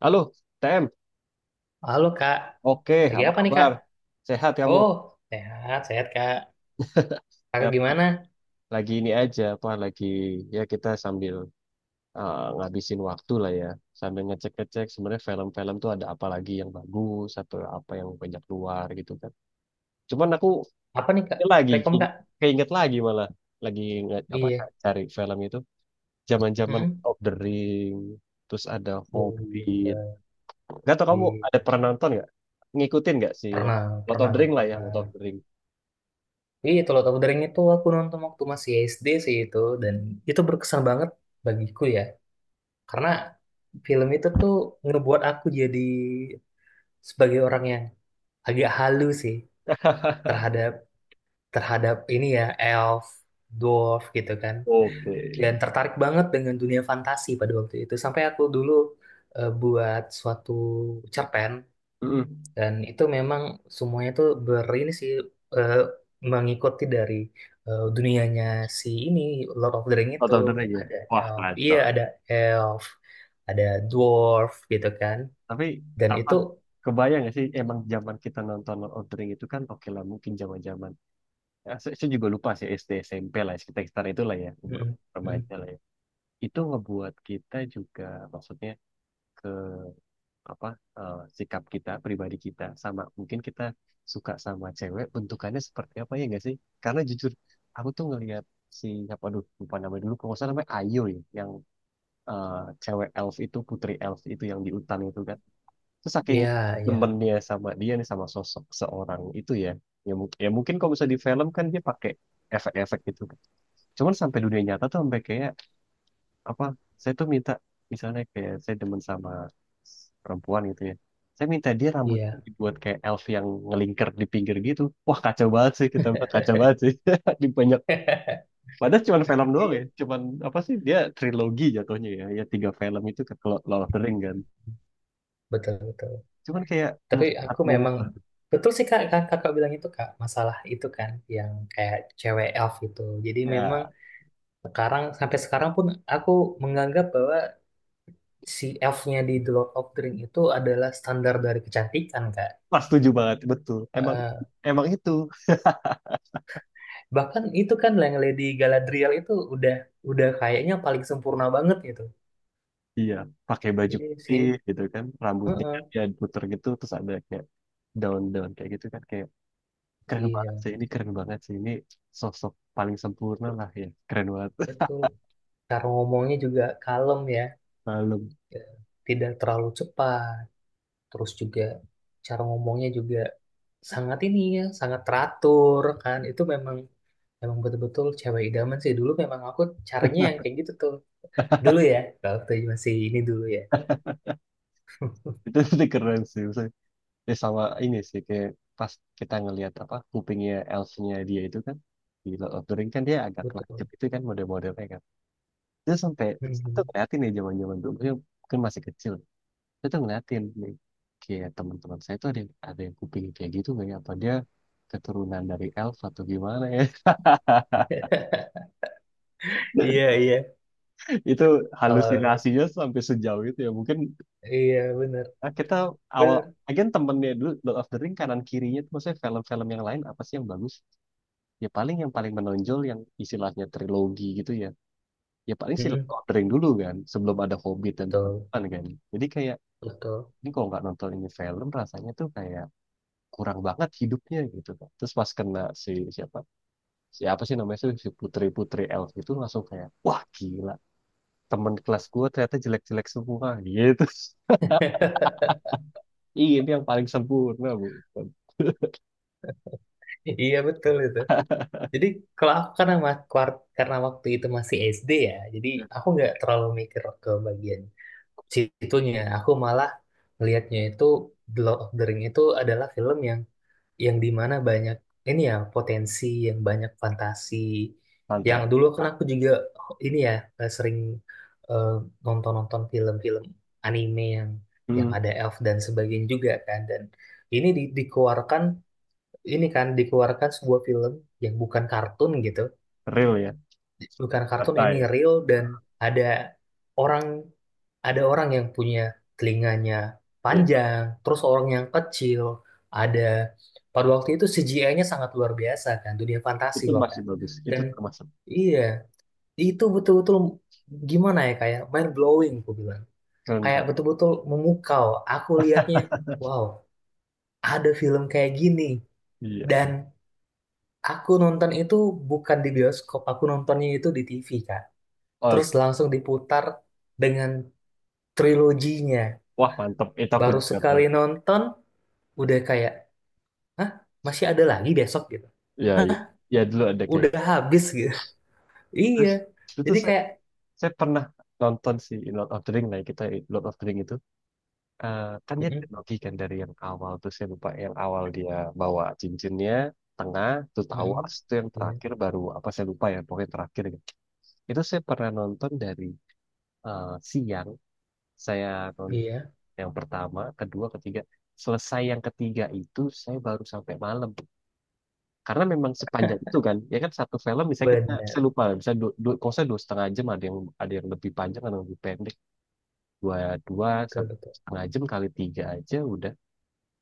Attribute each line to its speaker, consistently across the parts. Speaker 1: Halo, TM.
Speaker 2: Halo kak,
Speaker 1: Oke,
Speaker 2: lagi
Speaker 1: apa
Speaker 2: apa nih kak?
Speaker 1: kabar? Sehat kamu?
Speaker 2: Oh, sehat, sehat kak.
Speaker 1: Ya,
Speaker 2: Kakak gimana?
Speaker 1: lagi ini aja, apa lagi ya kita sambil ngabisin waktu lah ya, sambil ngecek-ngecek sebenarnya film-film tuh ada apa lagi yang bagus atau apa yang banyak keluar gitu kan. Cuman aku
Speaker 2: Apa nih kak?
Speaker 1: ini lagi
Speaker 2: Rekom kak?
Speaker 1: keinget lagi malah lagi apa
Speaker 2: Iya.
Speaker 1: cari film itu zaman-zaman
Speaker 2: Mm.
Speaker 1: Lord of the Ring, terus ada
Speaker 2: Oh
Speaker 1: Hobbit.
Speaker 2: iya.
Speaker 1: Gak tau kamu
Speaker 2: Iya.
Speaker 1: ada pernah nonton nggak? Ngikutin nggak sih
Speaker 2: Pernah,
Speaker 1: Lord of
Speaker 2: pernah,
Speaker 1: the Ring lah ya,
Speaker 2: pernah.
Speaker 1: Lord of the Ring.
Speaker 2: Iya, Tulau Tahu Daring itu aku nonton waktu masih SD sih itu. Dan itu berkesan banget bagiku ya. Karena film itu tuh ngebuat aku jadi sebagai orang yang agak halu sih terhadap terhadap ini ya, elf, dwarf gitu kan. Dan
Speaker 1: Oke.
Speaker 2: tertarik banget dengan dunia fantasi pada waktu itu sampai aku dulu buat suatu cerpen,
Speaker 1: Mm-mm.
Speaker 2: dan itu memang semuanya tuh ber ini sih, eh, mengikuti dari dunianya si ini Lord of the Ring
Speaker 1: Out
Speaker 2: itu,
Speaker 1: of the Ring ya.
Speaker 2: ada
Speaker 1: Wah,
Speaker 2: elf, iya
Speaker 1: kacau.
Speaker 2: ada elf, ada dwarf gitu kan.
Speaker 1: Tapi
Speaker 2: Dan
Speaker 1: apa?
Speaker 2: itu
Speaker 1: Kebayang gak sih emang zaman kita nonton Lord of the Ring itu kan oke lah mungkin zaman-zaman. Ya, saya juga lupa sih SD SMP lah sekitar sekitar itulah ya umur
Speaker 2: mm, mm,
Speaker 1: remaja lah ya. Itu ngebuat kita juga maksudnya ke apa sikap kita pribadi kita sama mungkin kita suka sama cewek bentukannya seperti apa ya gak sih? Karena jujur aku tuh ngelihat si apa aduh lupa namanya dulu kalau nggak salah namanya Ayo ya yang eh, cewek elf itu putri elf itu yang di hutan itu kan terus saking
Speaker 2: iya, iya,
Speaker 1: temennya sama dia nih sama sosok seorang itu ya ya mungkin kalau bisa di film kan dia pakai efek-efek gitu kan cuman sampai dunia nyata tuh sampai kayak apa saya tuh minta misalnya kayak saya demen sama perempuan gitu ya saya minta dia rambut
Speaker 2: iya.
Speaker 1: dibuat kayak elf yang ngelingkar di pinggir gitu wah kacau banget sih kita buat kacau banget sih di banyak. Padahal cuman film doang ya.
Speaker 2: Iya,
Speaker 1: Cuman apa sih dia trilogi jatuhnya ya. Ya tiga film itu kan kalau Lord of the Ring kan.
Speaker 2: betul betul.
Speaker 1: Cuman kayak
Speaker 2: Tapi
Speaker 1: mufat
Speaker 2: aku memang
Speaker 1: mufat
Speaker 2: betul sih kak, kakak bilang itu kak, masalah itu kan yang kayak cewek elf itu. Jadi memang
Speaker 1: ya.
Speaker 2: sekarang sampai sekarang pun aku menganggap bahwa si elfnya di The Lord of the Ring itu adalah standar dari kecantikan kak.
Speaker 1: Pas setuju banget betul. Emang
Speaker 2: Eh,
Speaker 1: emang itu.
Speaker 2: Bahkan itu kan yang Lady Galadriel itu udah kayaknya paling sempurna banget gitu.
Speaker 1: Iya, pakai baju
Speaker 2: Jadi sih,
Speaker 1: putih gitu kan, rambutnya
Speaker 2: heeh,
Speaker 1: dia puter gitu terus ada kayak daun daun kayak gitu kan kayak keren banget
Speaker 2: iya
Speaker 1: sih ini keren banget sih ini sosok paling sempurna lah ya. Keren banget.
Speaker 2: betul. Cara ngomongnya juga kalem ya,
Speaker 1: Malam.
Speaker 2: tidak terlalu cepat. Terus juga cara ngomongnya juga sangat ini ya, sangat teratur kan. Itu memang memang betul-betul cewek idaman sih. Dulu memang aku caranya yang kayak gitu tuh. Dulu ya, waktu masih ini dulu ya.
Speaker 1: Itu keren sih. Ya sama ini sih kayak pas kita ngelihat apa kupingnya elfnya dia itu kan di Lord of the Ring kan dia agak lancip
Speaker 2: Betul.
Speaker 1: itu kan model-modelnya kan. Terus sampai saya tuh
Speaker 2: Mhm.
Speaker 1: ngeliatin nih zaman-zaman dulu ya, mungkin masih kecil. Saya tuh ngeliatin nih kayak teman-teman saya tuh ada yang kuping kayak gitu nggak ya? Apa dia keturunan dari elf atau gimana ya?
Speaker 2: Iya, iya.
Speaker 1: Itu
Speaker 2: Kalau
Speaker 1: halusinasinya sampai sejauh itu ya. Mungkin
Speaker 2: iya bener,
Speaker 1: kita awal
Speaker 2: bener.
Speaker 1: Again temennya dulu Lord of the Ring kanan kirinya tuh maksudnya film-film yang lain apa sih yang bagus? Ya paling yang paling menonjol yang istilahnya trilogi gitu ya ya paling silent
Speaker 2: Mhm.
Speaker 1: ordering dulu kan sebelum ada Hobbit dan
Speaker 2: Betul,
Speaker 1: teman-teman kan jadi kayak
Speaker 2: betul.
Speaker 1: ini kalau nggak nonton ini film rasanya tuh kayak kurang banget hidupnya gitu kan terus pas kena si siapa siapa sih namanya sih si putri-putri elf itu langsung kayak wah gila temen kelas gua ternyata jelek-jelek semua gitu. Ih, ini yang paling sempurna bu
Speaker 2: Iya betul itu. Jadi kalau aku, karena karena waktu itu masih SD ya, jadi aku nggak terlalu mikir ke bagian situnya. Aku malah melihatnya itu, The Lord of the Ring itu adalah film yang dimana banyak ini ya, potensi yang banyak fantasi, yang
Speaker 1: Pantai.
Speaker 2: dulu kan aku juga ini ya, sering eh, nonton-nonton film-film anime yang
Speaker 1: Hmm,
Speaker 2: ada elf dan sebagainya juga kan. Dan ini dikeluarkan, ini kan dikeluarkan sebuah film yang bukan kartun gitu,
Speaker 1: real ya.
Speaker 2: bukan kartun, ini
Speaker 1: Pantai.
Speaker 2: real, dan ada orang, ada orang yang punya telinganya
Speaker 1: Iya,
Speaker 2: panjang, terus orang yang kecil, ada pada waktu itu CGI-nya sangat luar biasa kan, dunia fantasi
Speaker 1: itu
Speaker 2: loh
Speaker 1: masih
Speaker 2: kan.
Speaker 1: bagus. Itu
Speaker 2: Dan
Speaker 1: termasuk
Speaker 2: iya, itu betul-betul gimana ya, kayak mind blowing aku bilang.
Speaker 1: keren
Speaker 2: Kayak
Speaker 1: banget.
Speaker 2: betul-betul memukau. Aku lihatnya, wow, ada film kayak gini.
Speaker 1: Iya.
Speaker 2: Dan aku nonton itu bukan di bioskop, aku nontonnya itu di TV kak.
Speaker 1: Oh,
Speaker 2: Terus langsung diputar dengan triloginya.
Speaker 1: wah mantep. Itu aku
Speaker 2: Baru
Speaker 1: juga
Speaker 2: sekali
Speaker 1: pernah.
Speaker 2: nonton udah kayak, hah? Masih ada lagi besok gitu.
Speaker 1: Ya, ya,
Speaker 2: Hah?
Speaker 1: ya, dulu ada kayak.
Speaker 2: Udah habis gitu. Iya,
Speaker 1: Itu tuh
Speaker 2: jadi kayak
Speaker 1: saya pernah nonton si Lord of the Ring lah kita Lord of the Ring itu kan dia
Speaker 2: mm-mm,
Speaker 1: trilogi kan dari yang awal tuh saya lupa yang awal dia bawa cincinnya tengah tuh
Speaker 2: mm-mm,
Speaker 1: Towers itu yang
Speaker 2: iya
Speaker 1: terakhir baru apa saya lupa ya pokoknya terakhir gitu. Itu saya pernah nonton dari siang saya nonton
Speaker 2: iya,
Speaker 1: yang pertama kedua ketiga selesai yang ketiga itu saya baru sampai malam karena memang sepanjang itu kan ya kan satu film bisa kita saya
Speaker 2: benar,
Speaker 1: lupa bisa dua kalau saya 2,5 jam ada yang lebih panjang ada yang lebih pendek dua dua
Speaker 2: betul betul.
Speaker 1: setengah jam kali tiga aja udah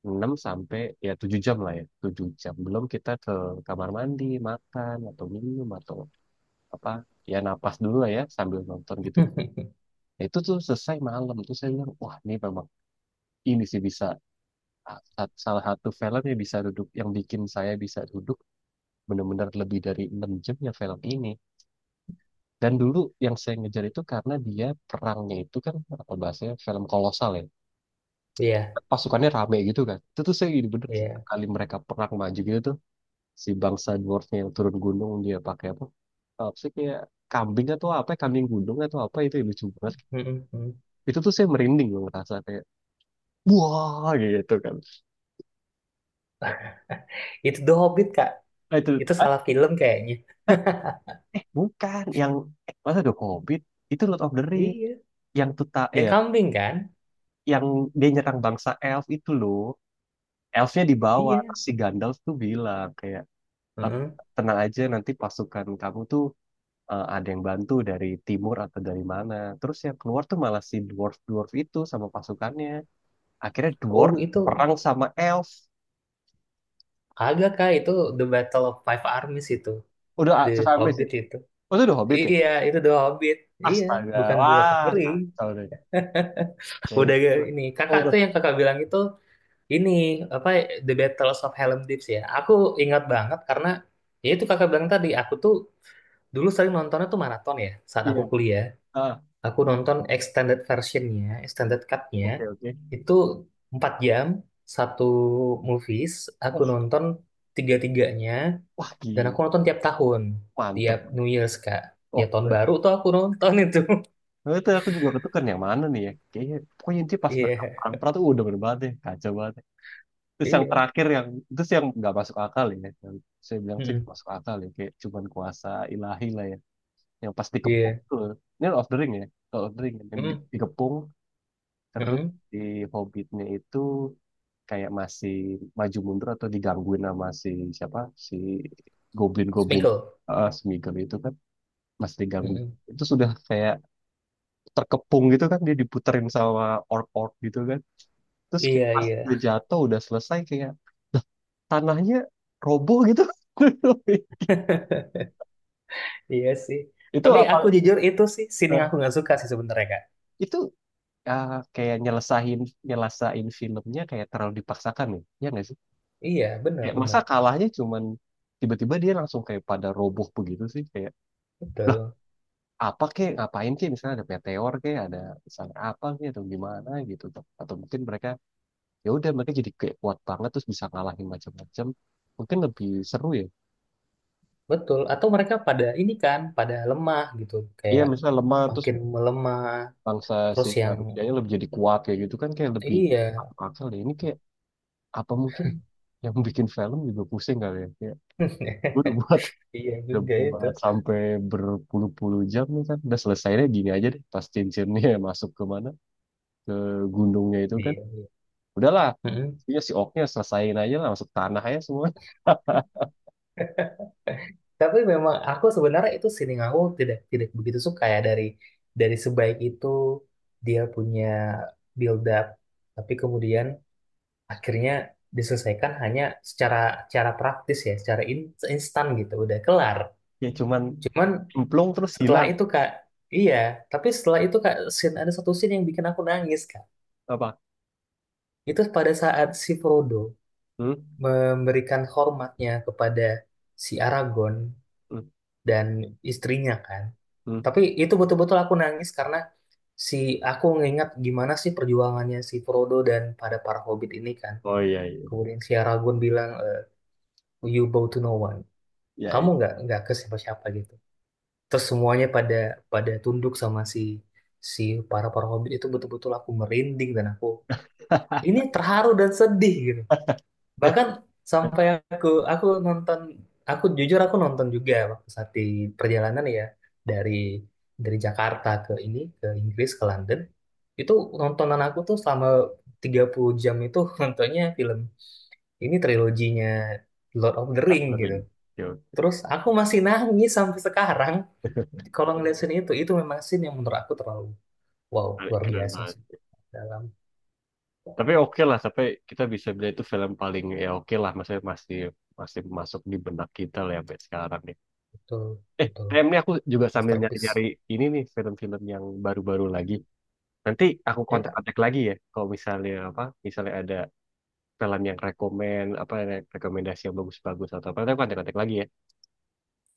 Speaker 1: enam sampai ya 7 jam lah ya 7 jam belum kita ke kamar mandi makan atau minum atau apa ya napas dulu lah ya sambil nonton gitu.
Speaker 2: Hmm,
Speaker 1: Nah, itu tuh selesai malam tuh saya bilang wah ini memang ini sih bisa salah satu film yang bisa duduk yang bikin saya bisa duduk benar-benar lebih dari 6 jam ya film ini. Dan dulu yang saya ngejar itu karena dia perangnya itu kan apa bahasanya film kolosal ya.
Speaker 2: iya
Speaker 1: Pasukannya rame gitu kan. Itu tuh saya gini bener sih
Speaker 2: iya.
Speaker 1: kali mereka perang maju gitu tuh si bangsa dwarfnya yang turun gunung dia pakai apa? Apa sih kayak kambing atau apa kambing gunung atau apa itu yang lucu banget.
Speaker 2: Mm-mm, mm.
Speaker 1: Itu tuh saya merinding loh ngerasa kayak wah gitu kan.
Speaker 2: Itu The Hobbit kak,
Speaker 1: Nah, itu
Speaker 2: itu
Speaker 1: ah,
Speaker 2: salah film kayaknya.
Speaker 1: bukan yang masa ada covid itu Lord of the Ring
Speaker 2: Iya,
Speaker 1: yang tuta
Speaker 2: yang
Speaker 1: ya
Speaker 2: kambing kan.
Speaker 1: yang dia nyerang bangsa elf itu loh. Elfnya di bawah
Speaker 2: Iya.
Speaker 1: terus si Gandalf tuh bilang kayak, "Eh,
Speaker 2: Mm.
Speaker 1: tenang aja nanti pasukan kamu tuh ada yang bantu dari timur atau dari mana terus yang keluar tuh malah si dwarf dwarf itu sama pasukannya akhirnya dwarf
Speaker 2: Oh itu,
Speaker 1: perang sama elf
Speaker 2: agak kak itu The Battle of Five Armies itu.
Speaker 1: udah
Speaker 2: The
Speaker 1: sampai sih
Speaker 2: Hobbit itu,
Speaker 1: oh, itu udah hobbit ya
Speaker 2: iya itu The Hobbit, iya,
Speaker 1: astaga
Speaker 2: bukan The Lord of
Speaker 1: wah
Speaker 2: the Ring.
Speaker 1: kacau deh ya itulah
Speaker 2: Ini
Speaker 1: oh
Speaker 2: kakak
Speaker 1: udah
Speaker 2: tuh yang kakak bilang itu, ini apa, The Battles of Harlem Deep ya. Aku ingat banget karena, ya itu kakak bilang tadi, aku tuh dulu sering nontonnya tuh maraton ya saat
Speaker 1: iya
Speaker 2: aku kuliah.
Speaker 1: ah
Speaker 2: Aku nonton extended versionnya, extended cutnya
Speaker 1: oke oke
Speaker 2: itu 4 jam satu movies. Aku
Speaker 1: wah
Speaker 2: nonton tiga-tiganya,
Speaker 1: wah
Speaker 2: dan
Speaker 1: gila
Speaker 2: aku nonton tiap tahun,
Speaker 1: mantep
Speaker 2: tiap New Year's kak. Ya
Speaker 1: oh
Speaker 2: tahun
Speaker 1: keren.
Speaker 2: baru tuh aku nonton itu.
Speaker 1: Itu aku juga ketukar yang mana nih ya kayaknya pokoknya intinya pas mereka
Speaker 2: Iya,
Speaker 1: perang perang tuh udah bener banget deh kacau banget terus yang
Speaker 2: iya,
Speaker 1: terakhir yang terus yang nggak masuk akal ya yang saya bilang sih nggak
Speaker 2: mm-mm,
Speaker 1: masuk akal ya kayak cuman kuasa ilahi lah ya yang pas dikepung
Speaker 2: iya,
Speaker 1: tuh ini Lord of the Ring ya Lord of the Ring yang
Speaker 2: mm-mm,
Speaker 1: dikepung terus
Speaker 2: mm-mm.
Speaker 1: di Hobbitnya itu kayak masih maju mundur atau digangguin sama si siapa si goblin-goblin
Speaker 2: Sminkle.
Speaker 1: Smeagol itu kan masih diganggu
Speaker 2: Mm-mm.
Speaker 1: itu sudah kayak terkepung gitu kan dia diputerin sama orc-orc gitu kan terus kayak
Speaker 2: Iya,
Speaker 1: pas udah
Speaker 2: iya.
Speaker 1: jatuh udah selesai kayak tanahnya roboh gitu.
Speaker 2: Iya sih.
Speaker 1: Itu
Speaker 2: Tapi
Speaker 1: apa?
Speaker 2: aku jujur itu sih scene yang
Speaker 1: eh,
Speaker 2: aku nggak suka sih sebenarnya, Kak.
Speaker 1: itu kayak nyelesain nyelesain filmnya kayak terlalu dipaksakan nih, ya nggak sih?
Speaker 2: Iya, benar,
Speaker 1: Kayak masa
Speaker 2: benar.
Speaker 1: kalahnya cuman tiba-tiba dia langsung kayak pada roboh begitu sih kayak lah
Speaker 2: Betul.
Speaker 1: apa kek ngapain kek misalnya ada meteor kek ada misalnya apa kek atau gimana gitu atau mungkin mereka ya udah mereka jadi kayak kuat banget terus bisa ngalahin macam-macam mungkin lebih seru ya
Speaker 2: Betul. Atau mereka pada ini kan, pada lemah gitu.
Speaker 1: iya
Speaker 2: Kayak
Speaker 1: misalnya lemah terus
Speaker 2: makin melemah.
Speaker 1: bangsa si
Speaker 2: Terus yang,
Speaker 1: manusianya lebih jadi kuat kayak gitu kan kayak lebih
Speaker 2: iya.
Speaker 1: masuk akal ya. Ini kayak apa mungkin yang bikin film juga pusing kali ya. Kayak gue
Speaker 2: Iya
Speaker 1: udah
Speaker 2: juga itu.
Speaker 1: buat sampai berpuluh-puluh jam nih kan. Udah selesainya gini aja deh. Pas cincinnya masuk ke mana? Ke gunungnya itu kan.
Speaker 2: Iya, iya.
Speaker 1: Udahlah.
Speaker 2: Mm-mm.
Speaker 1: Iya si oknya selesaiin aja lah masuk tanah aja semua.
Speaker 2: Tapi memang aku sebenarnya itu scene yang aku tidak tidak begitu suka ya, dari sebaik itu dia punya build up, tapi kemudian akhirnya diselesaikan hanya secara secara praktis ya, secara instan gitu, udah kelar.
Speaker 1: Ya cuman
Speaker 2: Cuman
Speaker 1: cemplung terus
Speaker 2: setelah
Speaker 1: hilang
Speaker 2: itu Kak, iya, tapi setelah itu Kak, scene, ada satu scene yang bikin aku nangis Kak.
Speaker 1: apa?
Speaker 2: Itu pada saat si Frodo
Speaker 1: Hmm?
Speaker 2: memberikan hormatnya kepada si Aragorn
Speaker 1: Hmm?
Speaker 2: dan istrinya kan.
Speaker 1: Hmm?
Speaker 2: Tapi itu betul-betul aku nangis karena si, aku ngingat gimana sih perjuangannya si Frodo dan pada para hobbit ini kan.
Speaker 1: Oh iya iya.
Speaker 2: Kemudian si Aragorn bilang, eh, you bow to no one.
Speaker 1: Iya
Speaker 2: Kamu
Speaker 1: iya.
Speaker 2: nggak ke siapa-siapa gitu, terus semuanya pada pada tunduk sama si si para para hobbit itu, betul-betul aku merinding dan aku ini terharu dan sedih gitu.
Speaker 1: Eh,
Speaker 2: Bahkan sampai aku nonton, aku jujur aku nonton juga waktu saat di perjalanan ya, dari dari Jakarta ke ini ke Inggris, ke London, itu nontonan aku tuh selama 30 jam itu nontonnya film ini, triloginya Lord of the Ring gitu.
Speaker 1: keren. Yo,
Speaker 2: Terus aku masih nangis sampai sekarang kalau ngeliat scene itu memang scene yang menurut aku terlalu wow, luar
Speaker 1: keren
Speaker 2: biasa
Speaker 1: banget.
Speaker 2: sih. Dalam,
Speaker 1: Tapi oke lah sampai kita bisa bilang itu film paling ya oke lah maksudnya masih masih masuk di benak kita lah ya sampai sekarang nih
Speaker 2: betul
Speaker 1: eh
Speaker 2: betul
Speaker 1: ayam nih aku juga sambil
Speaker 2: masterpiece.
Speaker 1: nyari-nyari ini nih film-film yang baru-baru lagi nanti aku
Speaker 2: Ya Kak.
Speaker 1: kontak-kontak lagi ya kalau misalnya apa misalnya ada film yang rekomen apa rekomendasi yang bagus-bagus atau apa nanti aku kontak-kontak lagi ya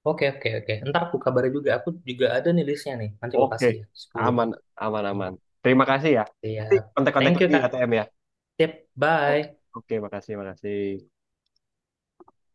Speaker 2: Oke oke oke. Ntar aku kabari juga. Aku juga ada nih listnya nih. Nanti aku
Speaker 1: oke
Speaker 2: kasih ya 10.
Speaker 1: aman aman
Speaker 2: Ya.
Speaker 1: aman terima kasih ya nanti
Speaker 2: Siap.
Speaker 1: kontak-kontak
Speaker 2: Thank you
Speaker 1: lagi ya
Speaker 2: Kak.
Speaker 1: TM ya
Speaker 2: Tip.
Speaker 1: O-
Speaker 2: Bye.
Speaker 1: oke makasih makasih.